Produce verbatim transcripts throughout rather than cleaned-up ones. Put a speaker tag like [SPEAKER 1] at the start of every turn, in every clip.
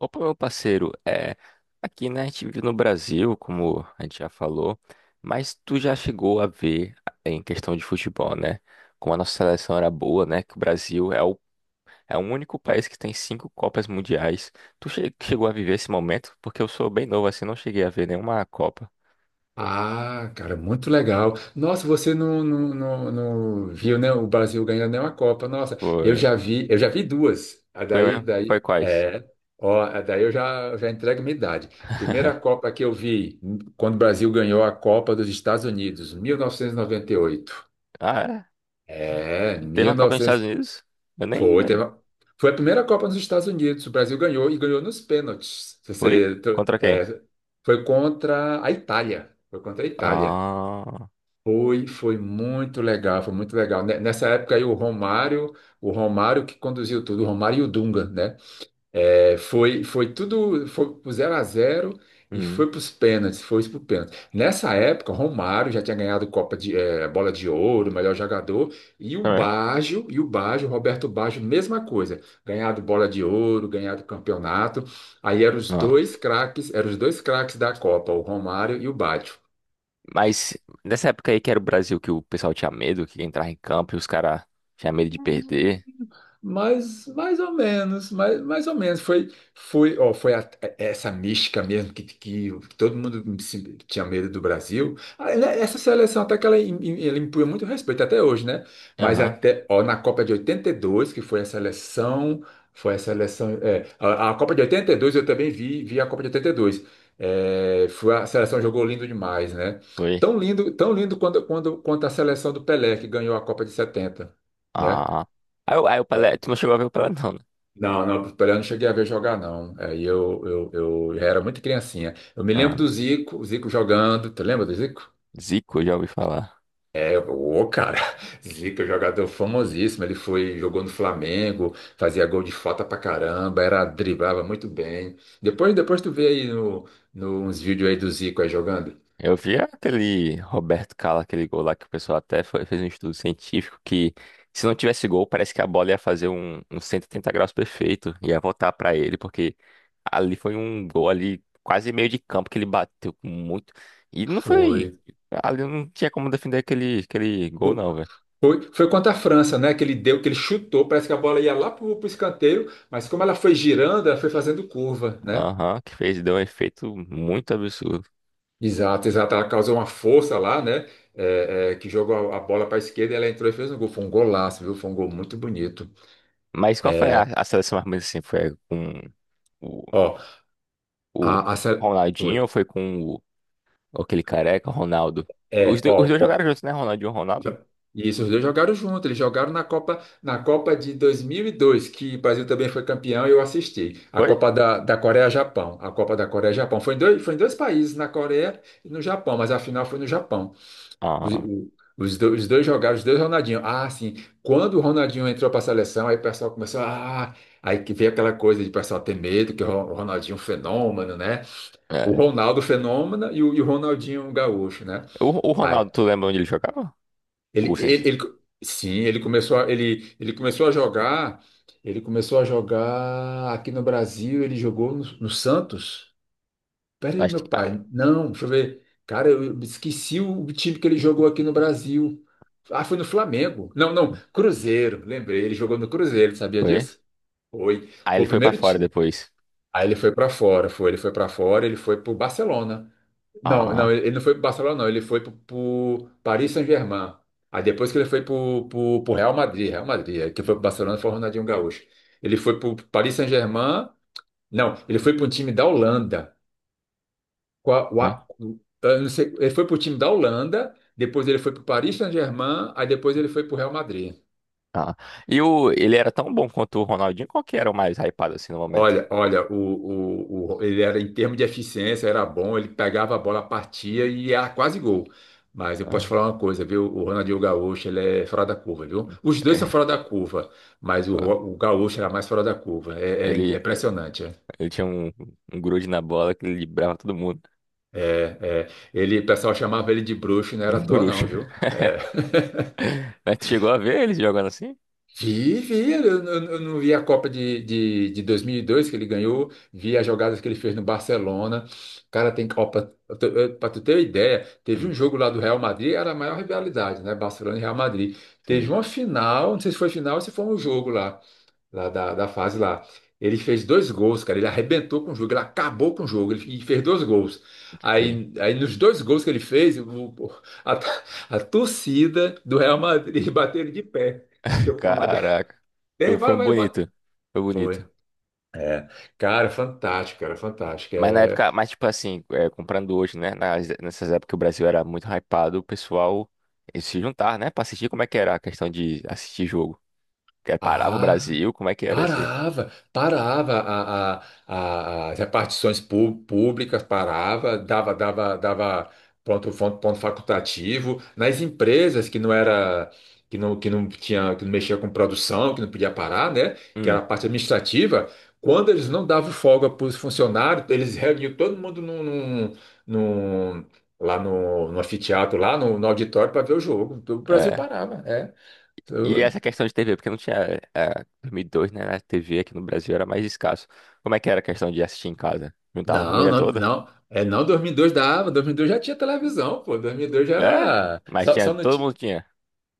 [SPEAKER 1] Opa, meu parceiro, é, aqui, né, a gente vive no Brasil, como a gente já falou, mas tu já chegou a ver eh, em questão de futebol, né, como a nossa seleção era boa, né, que o Brasil é o, é o único país que tem cinco Copas Mundiais. Tu che- chegou a viver esse momento? Porque eu sou bem novo, assim, não cheguei a ver nenhuma Copa.
[SPEAKER 2] Ah, cara, muito legal. Nossa, você não, não, não, não viu, né, o Brasil ganhando nenhuma Copa. Nossa, eu
[SPEAKER 1] Foi,
[SPEAKER 2] já vi, eu já vi duas. A
[SPEAKER 1] foi
[SPEAKER 2] daí,
[SPEAKER 1] mesmo? Foi
[SPEAKER 2] daí,
[SPEAKER 1] quais?
[SPEAKER 2] é, ó, a daí eu já, já entrego minha idade. Primeira Copa que eu vi, quando o Brasil ganhou a Copa dos Estados Unidos, mil novecentos e e noventa e oito.
[SPEAKER 1] Ah,
[SPEAKER 2] É,
[SPEAKER 1] é? Teve
[SPEAKER 2] mil
[SPEAKER 1] uma
[SPEAKER 2] e
[SPEAKER 1] Copa nos Estados
[SPEAKER 2] novecentos
[SPEAKER 1] Unidos? Eu nem,
[SPEAKER 2] foi, teve
[SPEAKER 1] nem.
[SPEAKER 2] uma- foi a primeira Copa nos Estados Unidos. O Brasil ganhou e ganhou nos pênaltis. Se
[SPEAKER 1] Foi?
[SPEAKER 2] Você,
[SPEAKER 1] Contra quem?
[SPEAKER 2] é, Foi contra a Itália. Foi contra a Itália.
[SPEAKER 1] Ah,
[SPEAKER 2] Foi, foi muito legal, foi muito legal. Ne- Nessa época aí o Romário, o Romário que conduziu tudo, o Romário e o Dunga, né? É, foi, foi tudo, foi pro zero a zero e
[SPEAKER 1] hum,
[SPEAKER 2] foi para os pênaltis, foi pro pênalti. Nessa época, o Romário já tinha ganhado Copa de eh, Bola de Ouro, melhor jogador, e o
[SPEAKER 1] foi mesmo?
[SPEAKER 2] Baggio, e o Baggio, Roberto Baggio, mesma coisa, ganhado Bola de Ouro, ganhado campeonato. Aí eram os dois
[SPEAKER 1] Nossa.
[SPEAKER 2] craques, eram os dois craques da Copa, o Romário e o Baggio.
[SPEAKER 1] Mas nessa época aí que era o Brasil que o pessoal tinha medo, que entrava em campo e os caras tinham medo de perder.
[SPEAKER 2] Mas mais ou menos, mais, mais ou menos. Foi, foi, ó, foi a- é, Essa mística mesmo que, que todo mundo se- tinha medo do Brasil. Ah, né, essa seleção até que ela, im- im- ela impunha muito respeito até hoje, né? Mas
[SPEAKER 1] Aham,
[SPEAKER 2] até, ó, na Copa de oitenta e dois que foi a seleção, foi a seleção, é, a, a Copa de oitenta e dois eu também vi, vi a Copa de oitenta e dois. É, foi a seleção jogou lindo demais, né?
[SPEAKER 1] foi.
[SPEAKER 2] Tão lindo, tão lindo quando, quando, quanto a seleção do Pelé, que ganhou a Copa de setenta, né?
[SPEAKER 1] Ah. Aí, o aí o Pelé, tu não chegou a ver o Pelé não, né?
[SPEAKER 2] Não, não, o Pelé eu não cheguei a ver jogar, não. Aí eu, eu, eu já era muito criancinha. Eu me lembro
[SPEAKER 1] Ah,
[SPEAKER 2] do Zico, o Zico jogando. Tu lembra do Zico?
[SPEAKER 1] Zico, eu já ouvi falar.
[SPEAKER 2] É, ô, cara, Zico é um jogador famosíssimo. Ele foi, jogou no Flamengo, fazia gol de falta pra caramba, era, driblava muito bem. Depois, depois tu vê aí no, no, uns vídeos aí do Zico aí jogando.
[SPEAKER 1] Eu vi aquele Roberto Carlos, aquele gol lá que o pessoal até foi- fez um estudo científico que, se não tivesse gol, parece que a bola ia fazer um, um cento e oitenta graus perfeito, ia voltar pra ele, porque ali foi um gol ali, quase meio de campo, que ele bateu com muito. E não foi.
[SPEAKER 2] Foi.
[SPEAKER 1] Ali não tinha como defender aquele, aquele gol,
[SPEAKER 2] Fo-
[SPEAKER 1] não, velho.
[SPEAKER 2] Foi, foi contra a França, né? Que ele deu, que ele chutou, parece que a bola ia lá pro, pro escanteio, mas como ela foi girando, ela foi fazendo curva, né?
[SPEAKER 1] Aham, que fez, deu um efeito muito absurdo.
[SPEAKER 2] Exato, exato. Ela causou uma força lá, né? É, é, que jogou a a bola para a esquerda e ela entrou e fez um gol. Foi um golaço, viu? Foi um gol muito bonito.
[SPEAKER 1] Mas qual foi a,
[SPEAKER 2] É,
[SPEAKER 1] a seleção mais ou menos assim? Foi com o,
[SPEAKER 2] ó,
[SPEAKER 1] o
[SPEAKER 2] a, a sele- Oi.
[SPEAKER 1] Ronaldinho ou foi com o, aquele careca, o Ronaldo? Os,
[SPEAKER 2] É,
[SPEAKER 1] do- os
[SPEAKER 2] ó,
[SPEAKER 1] dois
[SPEAKER 2] ó.
[SPEAKER 1] jogaram juntos, né? Ronaldinho e Ronaldo?
[SPEAKER 2] já- Isso, os dois jogaram junto. Eles jogaram na Copa, na Copa de dois mil e dois, que o Brasil também foi campeão e eu assisti. A
[SPEAKER 1] Foi?
[SPEAKER 2] Copa da, da Coreia-Japão. A Copa da Coreia-Japão. Foi em dois, foi em dois países, na Coreia e no Japão, mas a final foi no Japão. Os,
[SPEAKER 1] Ah,
[SPEAKER 2] o- os do- os dois jogaram, os dois Ronaldinho. Ah, sim. Quando o Ronaldinho entrou para a seleção, aí o pessoal começou. Ah, aí que veio aquela coisa de o pessoal ter medo, que o Ron- o Ronaldinho é um fenômeno, né? O
[SPEAKER 1] é.
[SPEAKER 2] Ronaldo fenômeno e o, e o Ronaldinho um gaúcho, né?
[SPEAKER 1] O, o
[SPEAKER 2] Aí,
[SPEAKER 1] Ronaldo, tu lembra onde ele jogava?
[SPEAKER 2] ele,
[SPEAKER 1] O, sim, sim.
[SPEAKER 2] ele, ele- sim, ele começou a, ele, ele começou a jogar. Ele começou a jogar aqui no Brasil, ele jogou no, no Santos. Peraí,
[SPEAKER 1] Acho que
[SPEAKER 2] meu
[SPEAKER 1] ah,
[SPEAKER 2] pai. Não, deixa eu ver. Cara, eu esqueci o time que ele jogou aqui no Brasil. Ah, foi no Flamengo. Não, não, Cruzeiro. Lembrei, ele jogou no Cruzeiro, sabia
[SPEAKER 1] foi.
[SPEAKER 2] disso? Foi.
[SPEAKER 1] Aí
[SPEAKER 2] Foi
[SPEAKER 1] ele
[SPEAKER 2] o
[SPEAKER 1] foi pra
[SPEAKER 2] primeiro
[SPEAKER 1] fora
[SPEAKER 2] time.
[SPEAKER 1] depois.
[SPEAKER 2] Aí ele foi pra fora, foi. Ele foi pra fora, ele foi pro Barcelona. Não, não,
[SPEAKER 1] Ah.
[SPEAKER 2] ele não foi pro Barcelona, não. Ele foi pro, pro Paris Saint-Germain. Aí depois que ele foi pro, pro, pro Real Madrid, Real Madrid. Aí quem foi pro Barcelona foi o Ronaldinho Gaúcho. Ele foi pro Paris Saint-Germain. Não, ele foi pro um time da Holanda. Qua-
[SPEAKER 1] É.
[SPEAKER 2] Wa- eu não sei, ele foi para o time da Holanda, depois ele foi para o Paris Saint-Germain, aí depois ele foi para o Real Madrid.
[SPEAKER 1] Ah, e o, ele era tão bom quanto o Ronaldinho? Qual que era o mais hypado assim no momento?
[SPEAKER 2] Olha, olha, o, o, o- ele era em termos de eficiência, era bom, ele pegava a bola, partia e era quase gol. Mas eu
[SPEAKER 1] Ah,
[SPEAKER 2] posso te falar uma coisa, viu? O Ronaldinho Gaúcho, ele é fora da curva, viu? Os dois são
[SPEAKER 1] é,
[SPEAKER 2] fora da curva, mas o,
[SPEAKER 1] ó,
[SPEAKER 2] Ro- o Gaúcho era mais fora da curva. É, era
[SPEAKER 1] ele,
[SPEAKER 2] impressionante, é.
[SPEAKER 1] ele tinha um, um grude na bola que ele librava todo mundo.
[SPEAKER 2] É, é. Ele, o pessoal chamava ele de bruxo, não era à
[SPEAKER 1] Um
[SPEAKER 2] toa,
[SPEAKER 1] grucho.
[SPEAKER 2] não, viu? É.
[SPEAKER 1] Mas tu chegou a ver eles jogando assim?
[SPEAKER 2] Vi, vi, eu, eu- eu não vi a Copa de, de, de dois mil e dois que ele ganhou, vi as jogadas que ele fez no Barcelona. Cara, tem Copa. Para tu ter uma ideia, teve
[SPEAKER 1] Hum,
[SPEAKER 2] um jogo lá do Real Madrid, era a maior rivalidade, né? Barcelona e Real Madrid. Teve
[SPEAKER 1] sim,
[SPEAKER 2] uma final, não sei se foi final ou se foi um jogo lá, lá da, da fase lá. Ele fez dois gols, cara, ele arrebentou com o jogo, ele acabou com o jogo, ele e fez dois gols.
[SPEAKER 1] foi.
[SPEAKER 2] Aí, aí nos dois gols que ele fez, o- o- a, a torcida do Real Madrid bateu ele de pé. Bateu palma
[SPEAKER 1] Caraca.
[SPEAKER 2] tem,
[SPEAKER 1] Eu- Foi
[SPEAKER 2] vai,
[SPEAKER 1] um
[SPEAKER 2] vai, bota.
[SPEAKER 1] bonito. Foi bonito.
[SPEAKER 2] Foi. Cara, fantástico, cara, fantástico.
[SPEAKER 1] Mas na
[SPEAKER 2] É...
[SPEAKER 1] época, mas tipo assim, é, comprando hoje, né? Nas- nessas épocas que o Brasil era muito hypado, o pessoal eles se juntar, né? Pra assistir, como é que era a questão de assistir jogo? Que era- parava o
[SPEAKER 2] Ah,
[SPEAKER 1] Brasil, como é que era isso aí?
[SPEAKER 2] parava, parava a, a, a- as repartições pú- públicas, parava, dava, dava, dava ponto, ponto, ponto facultativo. Nas empresas que não era, que não, que não tinha, que não mexia com produção, que não podia parar, né? Que era
[SPEAKER 1] Hum.
[SPEAKER 2] a parte administrativa, quando eles não davam folga para os funcionários, eles reuniam todo mundo num, num, num- lá no, no anfiteatro, lá no, no auditório para ver o jogo. O Brasil
[SPEAKER 1] É.
[SPEAKER 2] parava, é.
[SPEAKER 1] E essa questão de T V, porque não tinha. É, dois mil e dois, né? A T V aqui no Brasil era mais escasso. Como é que era a questão de assistir em casa? Juntava a
[SPEAKER 2] Não,
[SPEAKER 1] família
[SPEAKER 2] não,
[SPEAKER 1] toda?
[SPEAKER 2] não. É, não, dois mil e dois dava. dois mil e dois já tinha televisão, pô. dois mil e dois já
[SPEAKER 1] É?
[SPEAKER 2] era.
[SPEAKER 1] Mas
[SPEAKER 2] Só,
[SPEAKER 1] tinha.
[SPEAKER 2] só não
[SPEAKER 1] Todo
[SPEAKER 2] ti-
[SPEAKER 1] mundo tinha.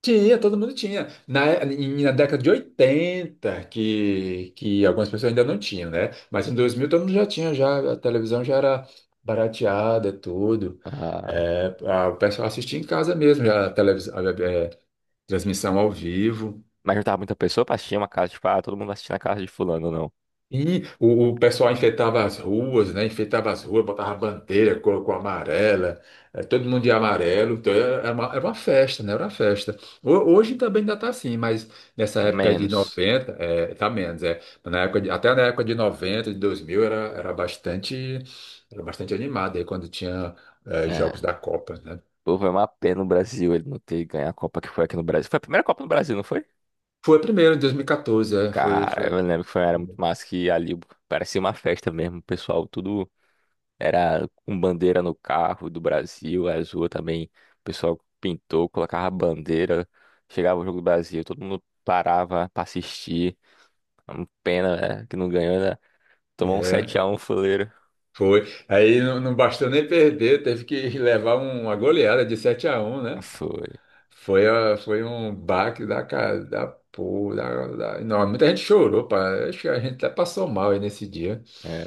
[SPEAKER 2] tinha, todo mundo tinha. Na, em- na década de oitenta que, que algumas pessoas ainda não tinham, né? Mas em dois mil todo mundo já tinha, já, a televisão já era barateada, tudo.
[SPEAKER 1] Ah,
[SPEAKER 2] É, a- o pessoal assistia em casa mesmo, já a televisão, a- é, transmissão ao vivo.
[SPEAKER 1] mas juntava muita pessoa pra assistir uma casa, tipo, ah, todo mundo assistia na casa de fulano, não.
[SPEAKER 2] E o, o pessoal enfeitava as ruas, né? Enfeitava as ruas, botava bandeira, colocou amarela, eh, todo mundo de amarelo. Então era era uma, era uma festa, né? Era uma festa. Ho- Hoje também ainda está assim, mas nessa época de
[SPEAKER 1] Menos.
[SPEAKER 2] noventa, é, tá menos, é. Mas Na época de- até na época de noventa, de dois mil, era, era bastante, era bastante animado aí quando tinha eh, jogos
[SPEAKER 1] É.
[SPEAKER 2] da Copa, né?
[SPEAKER 1] Pô, foi uma pena o Brasil ele não ter ganho a Copa que foi aqui no Brasil. Foi a primeira Copa no Brasil, não foi?
[SPEAKER 2] Foi primeiro, em dois mil e quatorze, é, foi,
[SPEAKER 1] Cara,
[SPEAKER 2] foi,
[SPEAKER 1] eu lembro que foi, era muito massa, que ali parecia uma festa mesmo. O pessoal tudo. Era com bandeira no carro do Brasil, azul também. O pessoal pintou, colocava bandeira. Chegava o jogo do Brasil, todo mundo parava pra assistir. É uma pena, né, que não ganhou, né? Tomou um
[SPEAKER 2] é.
[SPEAKER 1] sete a um fuleiro.
[SPEAKER 2] Foi. Aí não, não bastou nem perder, teve que levar um, uma goleada de sete a um, né?
[SPEAKER 1] Foi.
[SPEAKER 2] Foi, a- foi um baque da cara, da porra, da, da- Não, muita gente chorou, pá. Acho que a gente até passou mal aí nesse dia.
[SPEAKER 1] É.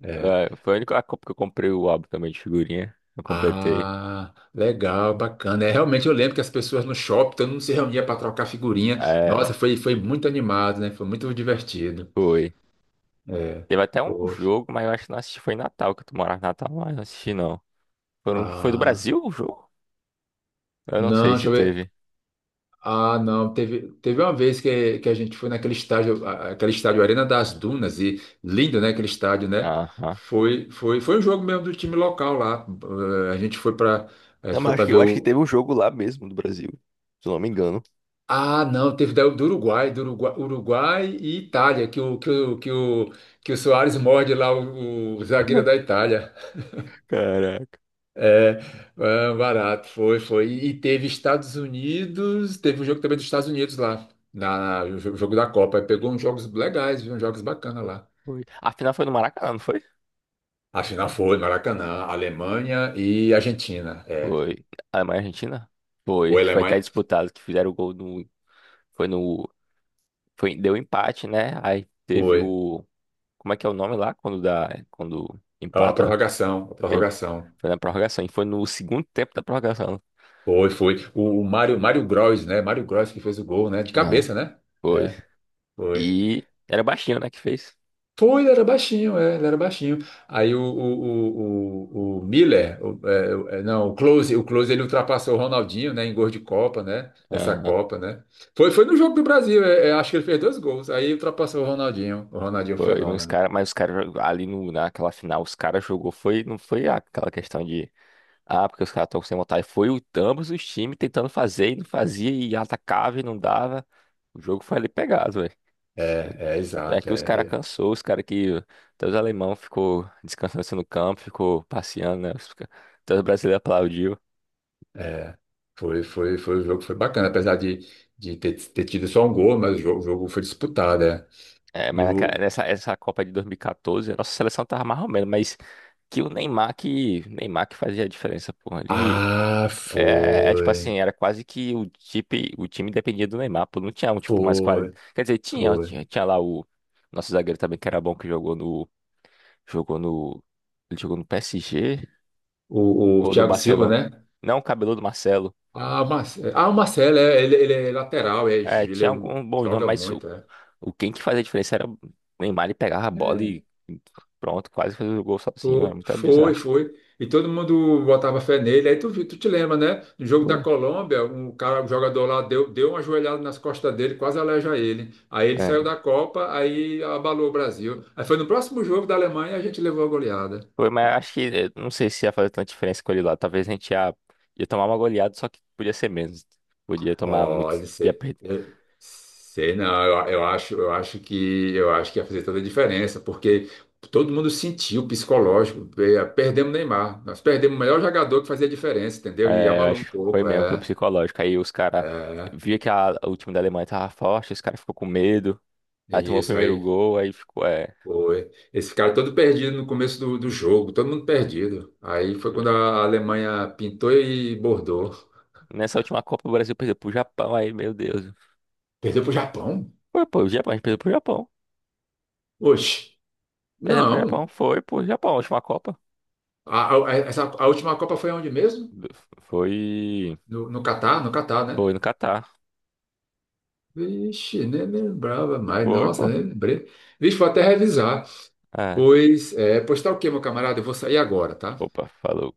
[SPEAKER 2] É.
[SPEAKER 1] É, foi a única Copa que eu comprei o álbum também de figurinha. Eu completei.
[SPEAKER 2] Ah, legal, bacana. É, realmente eu lembro que as pessoas no shopping, todo mundo se reunia para trocar figurinha. Nossa,
[SPEAKER 1] É,
[SPEAKER 2] foi, foi muito animado, né? Foi muito divertido.
[SPEAKER 1] foi.
[SPEAKER 2] É.
[SPEAKER 1] Teve até um
[SPEAKER 2] Poxa.
[SPEAKER 1] jogo, mas eu acho que não assisti. Foi em Natal, que tu morava em Natal, mas não assisti não. Foram- Foi do
[SPEAKER 2] Ah.
[SPEAKER 1] Brasil o jogo? Eu não
[SPEAKER 2] Não,
[SPEAKER 1] sei
[SPEAKER 2] deixa
[SPEAKER 1] se
[SPEAKER 2] eu ver.
[SPEAKER 1] teve.
[SPEAKER 2] Ah, não, teve, teve uma vez que, que a gente foi naquele estádio, a- aquele estádio Arena das Dunas, e lindo, né, aquele estádio, né?
[SPEAKER 1] Aham.
[SPEAKER 2] Foi, foi, foi um jogo mesmo do time local lá. Eh, A gente foi para, a
[SPEAKER 1] Não,
[SPEAKER 2] gente foi
[SPEAKER 1] mas acho
[SPEAKER 2] para
[SPEAKER 1] que,
[SPEAKER 2] ver
[SPEAKER 1] eu acho que
[SPEAKER 2] o.
[SPEAKER 1] teve um jogo lá mesmo do Brasil, se eu não me engano.
[SPEAKER 2] Ah, não, teve daí o do Uruguai, do Uruguai, Uruguai e Itália, que o que o que o, que o Soares morde lá o, o zagueiro da Itália.
[SPEAKER 1] Caraca.
[SPEAKER 2] É, ah, barato, foi, foi. E teve Estados Unidos, teve um jogo também dos Estados Unidos lá, na, no jo- jogo da Copa. Aí pegou uns jogos legais, viu? Uns jogos bacanas lá.
[SPEAKER 1] Foi. A final foi no Maracanã, não foi?
[SPEAKER 2] A final foi, Maracanã, Alemanha e Argentina. É,
[SPEAKER 1] Foi. Alemanha e Argentina? Foi,
[SPEAKER 2] foi
[SPEAKER 1] que foi até
[SPEAKER 2] Alemanha,
[SPEAKER 1] disputado, que fizeram o gol no. Foi no. Foi, deu empate, né? Aí teve
[SPEAKER 2] foi.
[SPEAKER 1] o. Como é que é o nome lá? Quando dá. Quando
[SPEAKER 2] Ah, a
[SPEAKER 1] empata?
[SPEAKER 2] prorrogação, a
[SPEAKER 1] Teve-
[SPEAKER 2] prorrogação.
[SPEAKER 1] Foi na prorrogação. E foi no segundo tempo da prorrogação.
[SPEAKER 2] Foi, foi. O, o Mário, Mário, Gross, né? Mário Gross que fez o gol, né? De
[SPEAKER 1] Não.
[SPEAKER 2] cabeça, né?
[SPEAKER 1] Foi.
[SPEAKER 2] É, foi.
[SPEAKER 1] E era o Baixinho, né, que fez.
[SPEAKER 2] Foi ele era baixinho, é, ele era baixinho. Aí o, o, o, o, o Miller, o- é, o- é, não, o Close, o Close ele ultrapassou o Ronaldinho, né, em gol de Copa, né, nessa
[SPEAKER 1] Aham.
[SPEAKER 2] Copa, né. Foi, foi no jogo do Brasil, é, é, acho que ele fez dois gols, aí ultrapassou o Ronaldinho, o Ronaldinho
[SPEAKER 1] Foi. Mas os
[SPEAKER 2] fenômeno.
[SPEAKER 1] caras, mas os caras jog- ali no, naquela final, os caras jogou. Foi, não foi aquela questão de. Ah, porque os caras estão sem vontade. Foi o, ambos os times tentando fazer e não fazia, e atacava e não dava. O jogo foi ali pegado, velho.
[SPEAKER 2] É, é,
[SPEAKER 1] É
[SPEAKER 2] exato,
[SPEAKER 1] que os caras
[SPEAKER 2] é,
[SPEAKER 1] cansou, os caras que. Até os alemão ficou descansando assim no campo, ficou passeando, né? Os ca- Até os brasileiros aplaudiu.
[SPEAKER 2] é, é. Foi, foi, foi, o jogo foi bacana, apesar de, de ter, ter tido só um gol, mas o jogo, o jogo foi disputado, é.
[SPEAKER 1] É, mas
[SPEAKER 2] E
[SPEAKER 1] naquela-
[SPEAKER 2] o...
[SPEAKER 1] nessa essa Copa de dois mil e catorze, a nossa seleção tava mais ou menos, mas que o Neymar que. Neymar que fazia a diferença, porra. Ele,
[SPEAKER 2] Ah,
[SPEAKER 1] é, é tipo
[SPEAKER 2] foi,
[SPEAKER 1] assim, era quase que o, time o time dependia do Neymar, pô, não tinha um tipo mais qualidade.
[SPEAKER 2] foi,
[SPEAKER 1] Quer dizer, tinha,
[SPEAKER 2] foi.
[SPEAKER 1] tinha, tinha lá o nosso zagueiro também que era bom que jogou no jogou no ele jogou no P S G
[SPEAKER 2] O, o
[SPEAKER 1] ou no
[SPEAKER 2] Thiago Silva,
[SPEAKER 1] Barcelona.
[SPEAKER 2] né?
[SPEAKER 1] Não, o cabeludo Marcelo.
[SPEAKER 2] Ah, Marcelo, ah, o Marcelo, é, ele, ele é lateral, é,
[SPEAKER 1] É,
[SPEAKER 2] ele
[SPEAKER 1] tinha
[SPEAKER 2] é um-
[SPEAKER 1] algum bom nome,
[SPEAKER 2] joga
[SPEAKER 1] mas o,
[SPEAKER 2] muito, é.
[SPEAKER 1] o quem que fazia a diferença era o Neymar, ele pegava a bola
[SPEAKER 2] É,
[SPEAKER 1] e pronto, quase fez o gol sozinho, era
[SPEAKER 2] fo-
[SPEAKER 1] muito
[SPEAKER 2] foi,
[SPEAKER 1] bizarro.
[SPEAKER 2] foi. E todo mundo botava fé nele. Aí tu, vi- tu te lembra, né? No jogo da
[SPEAKER 1] Foi.
[SPEAKER 2] Colômbia, um cara, um jogador lá deu, deu uma ajoelhada nas costas dele, quase aleja ele. Aí ele saiu
[SPEAKER 1] É.
[SPEAKER 2] da Copa, aí abalou o Brasil. Aí foi no próximo jogo da Alemanha, a gente levou a goleada.
[SPEAKER 1] Foi, mas acho que eh, não sei se ia fazer tanta diferença com ele lá. Talvez a gente ia, ia tomar uma goleada, só que podia ser menos. Podia tomar muito,
[SPEAKER 2] Olha,
[SPEAKER 1] ia
[SPEAKER 2] você
[SPEAKER 1] perder.
[SPEAKER 2] eu- sei não, eu, eu acho, eu acho que eu acho que ia fazer toda a diferença, porque todo mundo sentiu o psicológico, pe- perdemos o Neymar, nós perdemos o melhor jogador que fazia a diferença, entendeu? E
[SPEAKER 1] É, eu
[SPEAKER 2] abalou um
[SPEAKER 1] acho que foi
[SPEAKER 2] pouco,
[SPEAKER 1] mesmo, foi
[SPEAKER 2] é,
[SPEAKER 1] psicológico. Aí os caras
[SPEAKER 2] é,
[SPEAKER 1] via que a, o time da Alemanha tava forte, os caras ficou com medo. Aí
[SPEAKER 2] e
[SPEAKER 1] tomou o
[SPEAKER 2] isso
[SPEAKER 1] primeiro
[SPEAKER 2] aí
[SPEAKER 1] gol, aí ficou, é.
[SPEAKER 2] foi. Esse cara todo perdido no começo do, do jogo, todo mundo perdido. Aí foi quando a Alemanha pintou e bordou.
[SPEAKER 1] Nessa última Copa o Brasil perdeu pro Japão, aí, meu Deus.
[SPEAKER 2] Perdeu pro Japão?
[SPEAKER 1] Foi, pô, o Japão, a gente perdeu pro Japão.
[SPEAKER 2] Oxe,
[SPEAKER 1] Perdemos pro
[SPEAKER 2] não.
[SPEAKER 1] Japão, foi pro Japão, a última Copa.
[SPEAKER 2] A, a- essa, a última Copa foi onde mesmo?
[SPEAKER 1] Foi.
[SPEAKER 2] No, no Catar, no Catar, né?
[SPEAKER 1] Foi no Catar.
[SPEAKER 2] Vixe, nem lembrava mais.
[SPEAKER 1] Foi,
[SPEAKER 2] Nossa,
[SPEAKER 1] pô.
[SPEAKER 2] nem lembrei. Vixe, vou até revisar.
[SPEAKER 1] É.
[SPEAKER 2] Pois, é, pois tá ok, meu camarada. Eu vou sair agora, tá?
[SPEAKER 1] Opa, falou.